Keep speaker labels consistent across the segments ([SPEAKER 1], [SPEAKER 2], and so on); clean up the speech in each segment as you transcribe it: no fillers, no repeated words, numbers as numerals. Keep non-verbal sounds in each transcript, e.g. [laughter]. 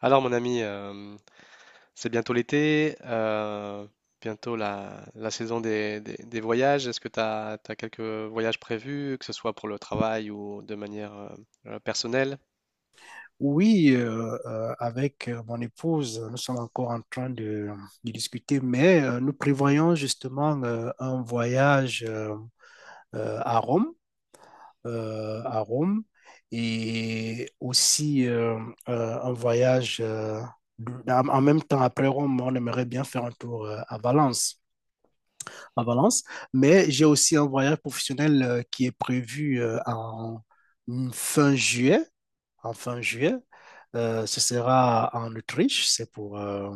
[SPEAKER 1] Alors mon ami, c'est bientôt l'été, bientôt la saison des voyages. Est-ce que tu as quelques voyages prévus, que ce soit pour le travail ou de manière personnelle?
[SPEAKER 2] Oui, avec mon épouse, nous sommes encore en train de discuter, mais nous prévoyons justement un voyage à Rome, euh, à Rome, et aussi un voyage en même temps après Rome, on aimerait bien faire un tour à Valence, mais j'ai aussi un voyage professionnel qui est prévu en fin juillet en fin juillet. Ce sera en Autriche, c'est pour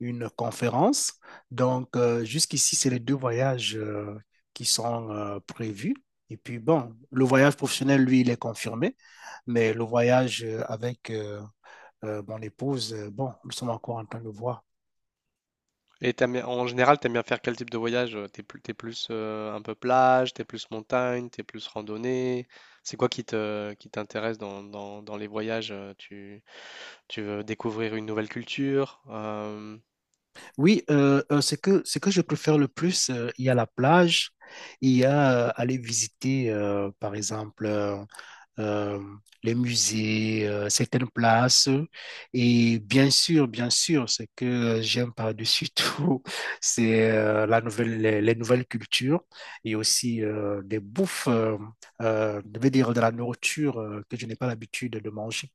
[SPEAKER 2] une conférence. Donc, jusqu'ici, c'est les deux voyages qui sont prévus. Et puis, bon, le voyage professionnel, lui, il est confirmé, mais le voyage avec mon épouse, bon, nous sommes encore en train de voir.
[SPEAKER 1] Et en général, t'aimes bien faire quel type de voyage? T'es plus, t'es plus un peu plage, t'es plus montagne, t'es plus randonnée. C'est quoi qui te, qui t'intéresse dans les voyages? Tu veux découvrir une nouvelle culture?
[SPEAKER 2] Oui, ce que je préfère le plus, il y a la plage, il y a aller visiter, par exemple, euh, les musées, certaines places. Et bien sûr, ce que j'aime par-dessus tout, [laughs] c'est les nouvelles cultures et aussi des bouffes, je vais dire de la nourriture que je n'ai pas l'habitude de manger.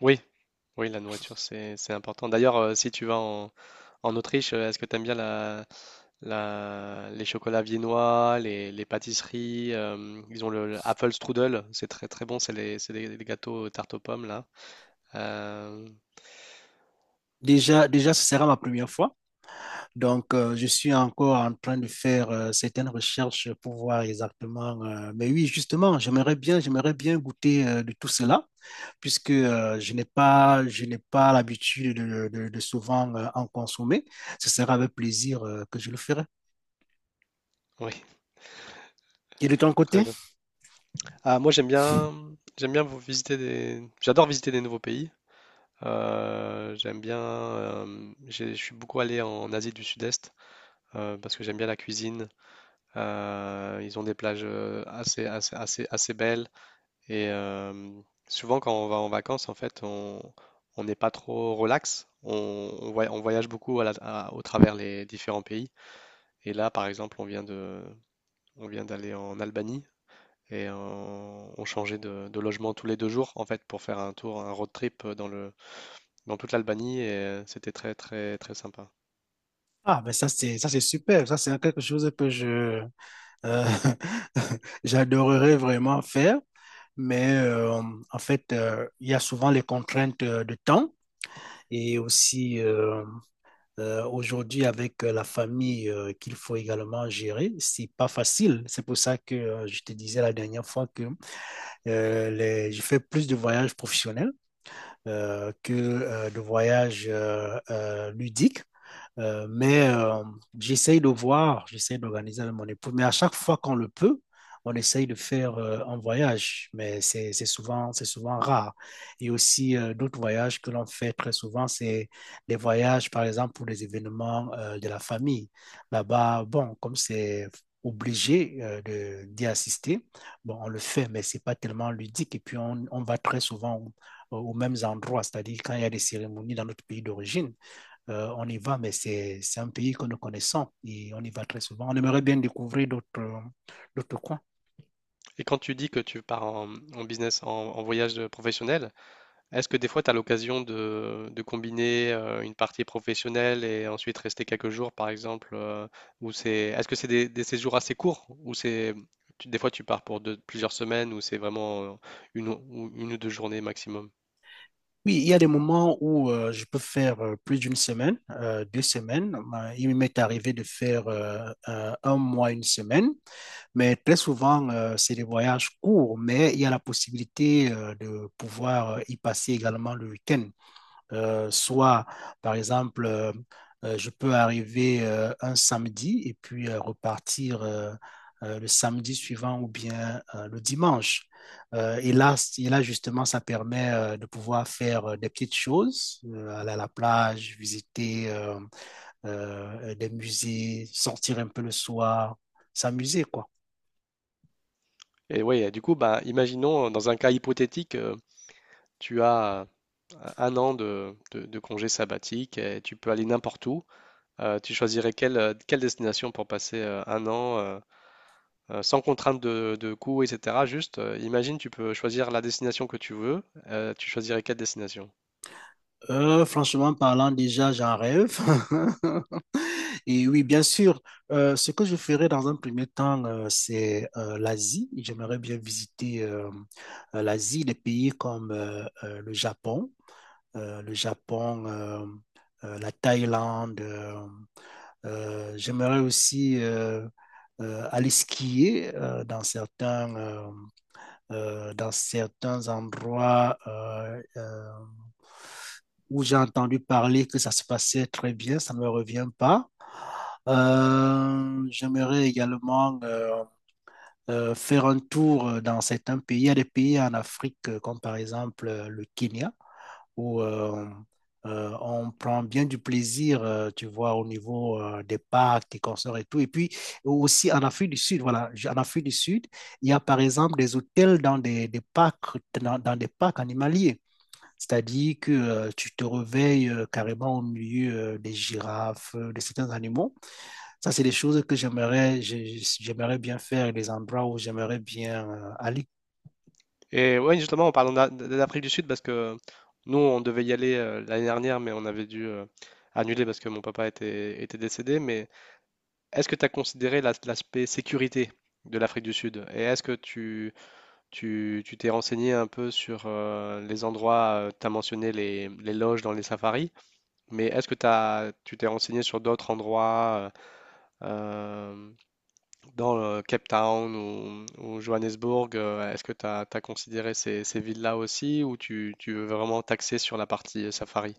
[SPEAKER 1] Oui, oui, la nourriture, c'est important. D'ailleurs, si tu vas en Autriche, est-ce que tu aimes bien les chocolats viennois, les pâtisseries ils ont le Apple Strudel, c'est très très bon, c'est des gâteaux tarte aux pommes là. Euh,
[SPEAKER 2] Déjà, déjà, ce sera ma première fois. Donc, je suis encore en train de faire certaines recherches pour voir exactement. Mais oui, justement, j'aimerais bien goûter de tout cela. Puisque je n'ai pas l'habitude de souvent en consommer. Ce sera avec plaisir que je le ferai.
[SPEAKER 1] oui,
[SPEAKER 2] Et de ton
[SPEAKER 1] [laughs] très
[SPEAKER 2] côté?
[SPEAKER 1] bien. Ah, moi j'aime bien, j'adore visiter des nouveaux pays. Je suis beaucoup allé en Asie du Sud-Est parce que j'aime bien la cuisine. Ils ont des plages assez belles. Et souvent, quand on va en vacances, en fait, on n'est pas trop relax. On, on voyage beaucoup au travers les différents pays. Et là, par exemple, on vient d'aller en Albanie et on changeait de logement tous les deux jours, en fait, pour faire un tour, un road trip dans toute l'Albanie. Et c'était très, très, très sympa.
[SPEAKER 2] Ah, ben ça, c'est super. Ça, c'est quelque chose que je, euh, [laughs] j'adorerais vraiment faire. Mais en fait, il y a souvent les contraintes de temps et aussi aujourd'hui avec la famille qu'il faut également gérer. C'est pas facile. C'est pour ça que je te disais la dernière fois que j'ai fait plus de voyages professionnels que de voyages ludiques. Mais j'essaye de voir, j'essaye d'organiser avec mon époux. Mais à chaque fois qu'on le peut, on essaye de faire un voyage, mais c'est souvent rare. Et aussi, d'autres voyages que l'on fait très souvent, c'est des voyages, par exemple, pour les événements de la famille. Là-bas, bon, comme c'est obligé d'y assister, bon, on le fait, mais c'est pas tellement ludique. Et puis, on va très souvent aux mêmes endroits, c'est-à-dire quand il y a des cérémonies dans notre pays d'origine. On y va, mais c'est un pays que nous connaissons et on y va très souvent. On aimerait bien découvrir d'autres coins.
[SPEAKER 1] Et quand tu dis que en business, en voyage professionnel, est-ce que des fois, tu as l'occasion de combiner une partie professionnelle et ensuite rester quelques jours, par exemple, est-ce que c'est des séjours assez courts ou des fois, tu pars pour plusieurs semaines ou c'est vraiment une, ou une ou deux journées maximum?
[SPEAKER 2] Oui, il y a des moments où je peux faire plus d'une semaine, deux semaines. Il m'est arrivé de faire un mois, une semaine, mais très souvent, c'est des voyages courts, mais il y a la possibilité de pouvoir y passer également le week-end. Soit, par exemple, je peux arriver un samedi et puis repartir le samedi suivant ou bien le dimanche. Et là, justement, ça permet de pouvoir faire des petites choses, aller à la plage, visiter des musées, sortir un peu le soir, s'amuser, quoi.
[SPEAKER 1] Et oui, du coup, bah, imaginons, dans un cas hypothétique, tu as un an de congé sabbatique et tu peux aller n'importe où. Tu choisirais quelle destination pour passer un an sans contrainte de coût, etc. Juste, imagine, tu peux choisir la destination que tu veux. Tu choisirais quelle destination.
[SPEAKER 2] Franchement parlant, déjà, j'en rêve. [laughs] Et oui, bien sûr, ce que je ferai dans un premier temps, c'est l'Asie. J'aimerais bien visiter l'Asie, des pays comme le Japon, la Thaïlande. J'aimerais aussi aller skier dans certains endroits où j'ai entendu parler que ça se passait très bien, ça ne me revient pas. J'aimerais également faire un tour dans certains pays. Il y a des pays en Afrique, comme par exemple le Kenya où on prend bien du plaisir, tu vois, au niveau des parcs, des concerts et tout. Et puis aussi en Afrique du Sud, voilà, en Afrique du Sud, il y a par exemple des hôtels des parcs, dans des parcs animaliers. C'est-à-dire que tu te réveilles carrément au milieu des girafes, de certains animaux. Ça, c'est des choses que j'aimerais bien faire, des endroits où j'aimerais bien aller.
[SPEAKER 1] Et ouais, justement, en parlant d'Afrique du Sud, parce que nous, on devait y aller l'année dernière, mais on avait dû annuler parce que mon papa était décédé. Mais est-ce que tu as considéré l'aspect sécurité de l'Afrique du Sud? Et est-ce que tu t'es renseigné un peu sur les endroits, tu as mentionné les loges dans les safaris, mais est-ce que tu t'es renseigné sur d'autres endroits? Euh, Dans le Cape Town ou Johannesburg, est-ce que tu as considéré ces villes-là aussi ou tu veux vraiment t'axer sur la partie safari?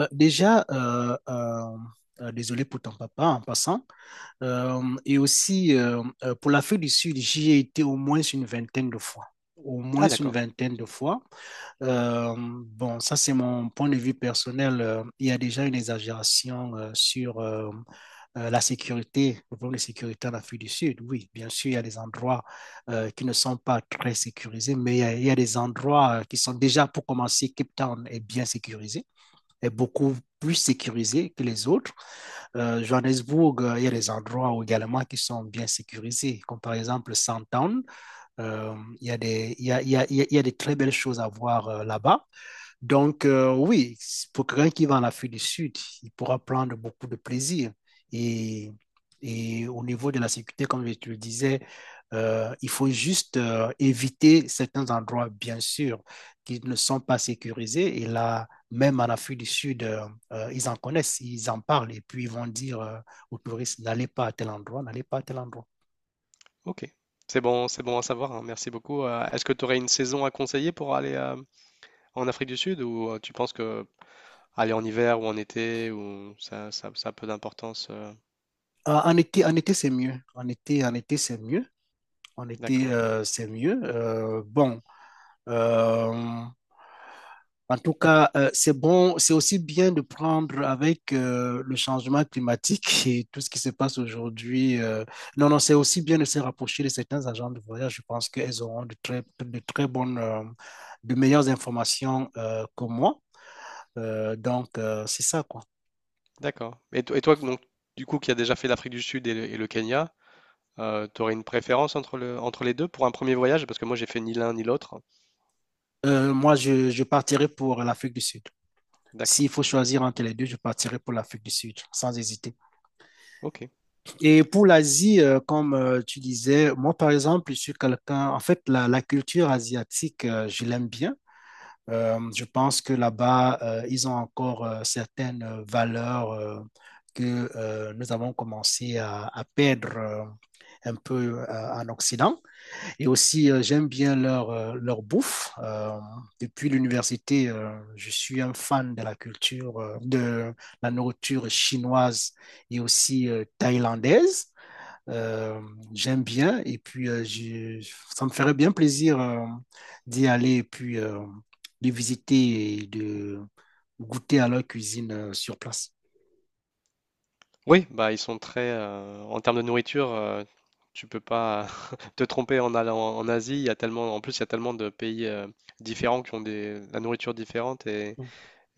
[SPEAKER 2] Euh, déjà, euh, euh, Désolé pour ton papa en passant. Pour l'Afrique du Sud, j'y ai été au moins une vingtaine de fois. Au moins
[SPEAKER 1] Ah
[SPEAKER 2] une
[SPEAKER 1] d'accord,
[SPEAKER 2] vingtaine de fois. Bon, ça, c'est mon point de vue personnel. Il y a déjà une exagération sur la sécurité, le problème de sécurité en Afrique du Sud. Oui, bien sûr, il y a des endroits qui ne sont pas très sécurisés, mais il y a des endroits qui sont déjà, pour commencer, Cape Town est bien sécurisé est beaucoup plus sécurisé que les autres. Johannesburg, il y a des endroits également qui sont bien sécurisés, comme par exemple Sandton. Il, y a des, il, y a, il, y a, il y a des très belles choses à voir là-bas. Donc, oui, pour quelqu'un qui va en Afrique du Sud, il pourra prendre beaucoup de plaisir. Et, et au niveau de la sécurité, comme je te le disais, il faut juste éviter certains endroits, bien sûr, qui ne sont pas sécurisés. Et là, même en Afrique du Sud, ils en connaissent, ils en parlent. Et puis, ils vont dire aux touristes, n'allez pas à tel endroit, n'allez pas à tel endroit.
[SPEAKER 1] ok. C'est bon à savoir, hein, merci beaucoup. Est-ce que tu aurais une saison à conseiller pour aller en Afrique du Sud ou tu penses que aller en hiver ou en été ou ça a peu d'importance?
[SPEAKER 2] En été, en été, c'est mieux. En été, c'est mieux. En été,
[SPEAKER 1] D'accord,
[SPEAKER 2] c'est mieux. Bon, Euh, en tout cas, c'est bon, c'est aussi bien de prendre avec le changement climatique [laughs] et tout ce qui se passe aujourd'hui. Non, non, c'est aussi bien de se rapprocher de certains agents de voyage. Je pense qu'elles auront de meilleures informations que moi. Donc, c'est ça, quoi.
[SPEAKER 1] d'accord. Et, et toi, donc, du coup, qui as déjà fait l'Afrique du Sud et et le Kenya, t'aurais une préférence entre les deux pour un premier voyage? Parce que moi, j'ai fait ni l'un ni l'autre.
[SPEAKER 2] Moi, je partirai pour l'Afrique du Sud.
[SPEAKER 1] D'accord.
[SPEAKER 2] S'il faut choisir entre les deux, je partirai pour l'Afrique du Sud, sans hésiter.
[SPEAKER 1] Ok.
[SPEAKER 2] Et pour l'Asie, comme tu disais, moi par exemple, je suis quelqu'un, en fait, la culture asiatique, je l'aime bien. Je pense que là-bas, ils ont encore certaines valeurs que nous avons commencé à perdre un peu en Occident. Et aussi, j'aime bien leur bouffe. Depuis l'université, je suis un fan de la culture, de la nourriture chinoise et aussi thaïlandaise. Euh, J'aime bien et puis ça me ferait bien plaisir d'y aller et puis de visiter et de goûter à leur cuisine sur place.
[SPEAKER 1] Oui, bah ils sont très en termes de nourriture, tu peux pas [laughs] te tromper en allant en Asie. Il y a tellement, en plus, il y a tellement de pays différents qui ont la nourriture différente. et
[SPEAKER 2] Mm.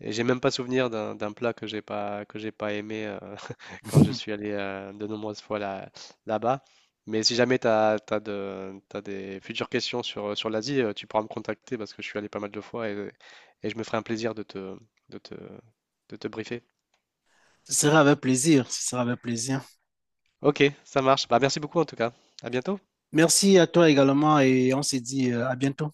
[SPEAKER 1] Et j'ai même pas souvenir d'un plat que j'ai pas aimé [laughs] quand je
[SPEAKER 2] [laughs]
[SPEAKER 1] suis allé de nombreuses fois là, là-bas. Mais si jamais t'as des futures questions sur, sur l'Asie, tu pourras me contacter parce que je suis allé pas mal de fois. Et je me ferai un plaisir de te, de te briefer.
[SPEAKER 2] Ce sera avec plaisir, ce sera avec plaisir.
[SPEAKER 1] Ok, ça marche. Bah, merci beaucoup en tout cas. À bientôt.
[SPEAKER 2] Merci à toi également et on se dit à bientôt.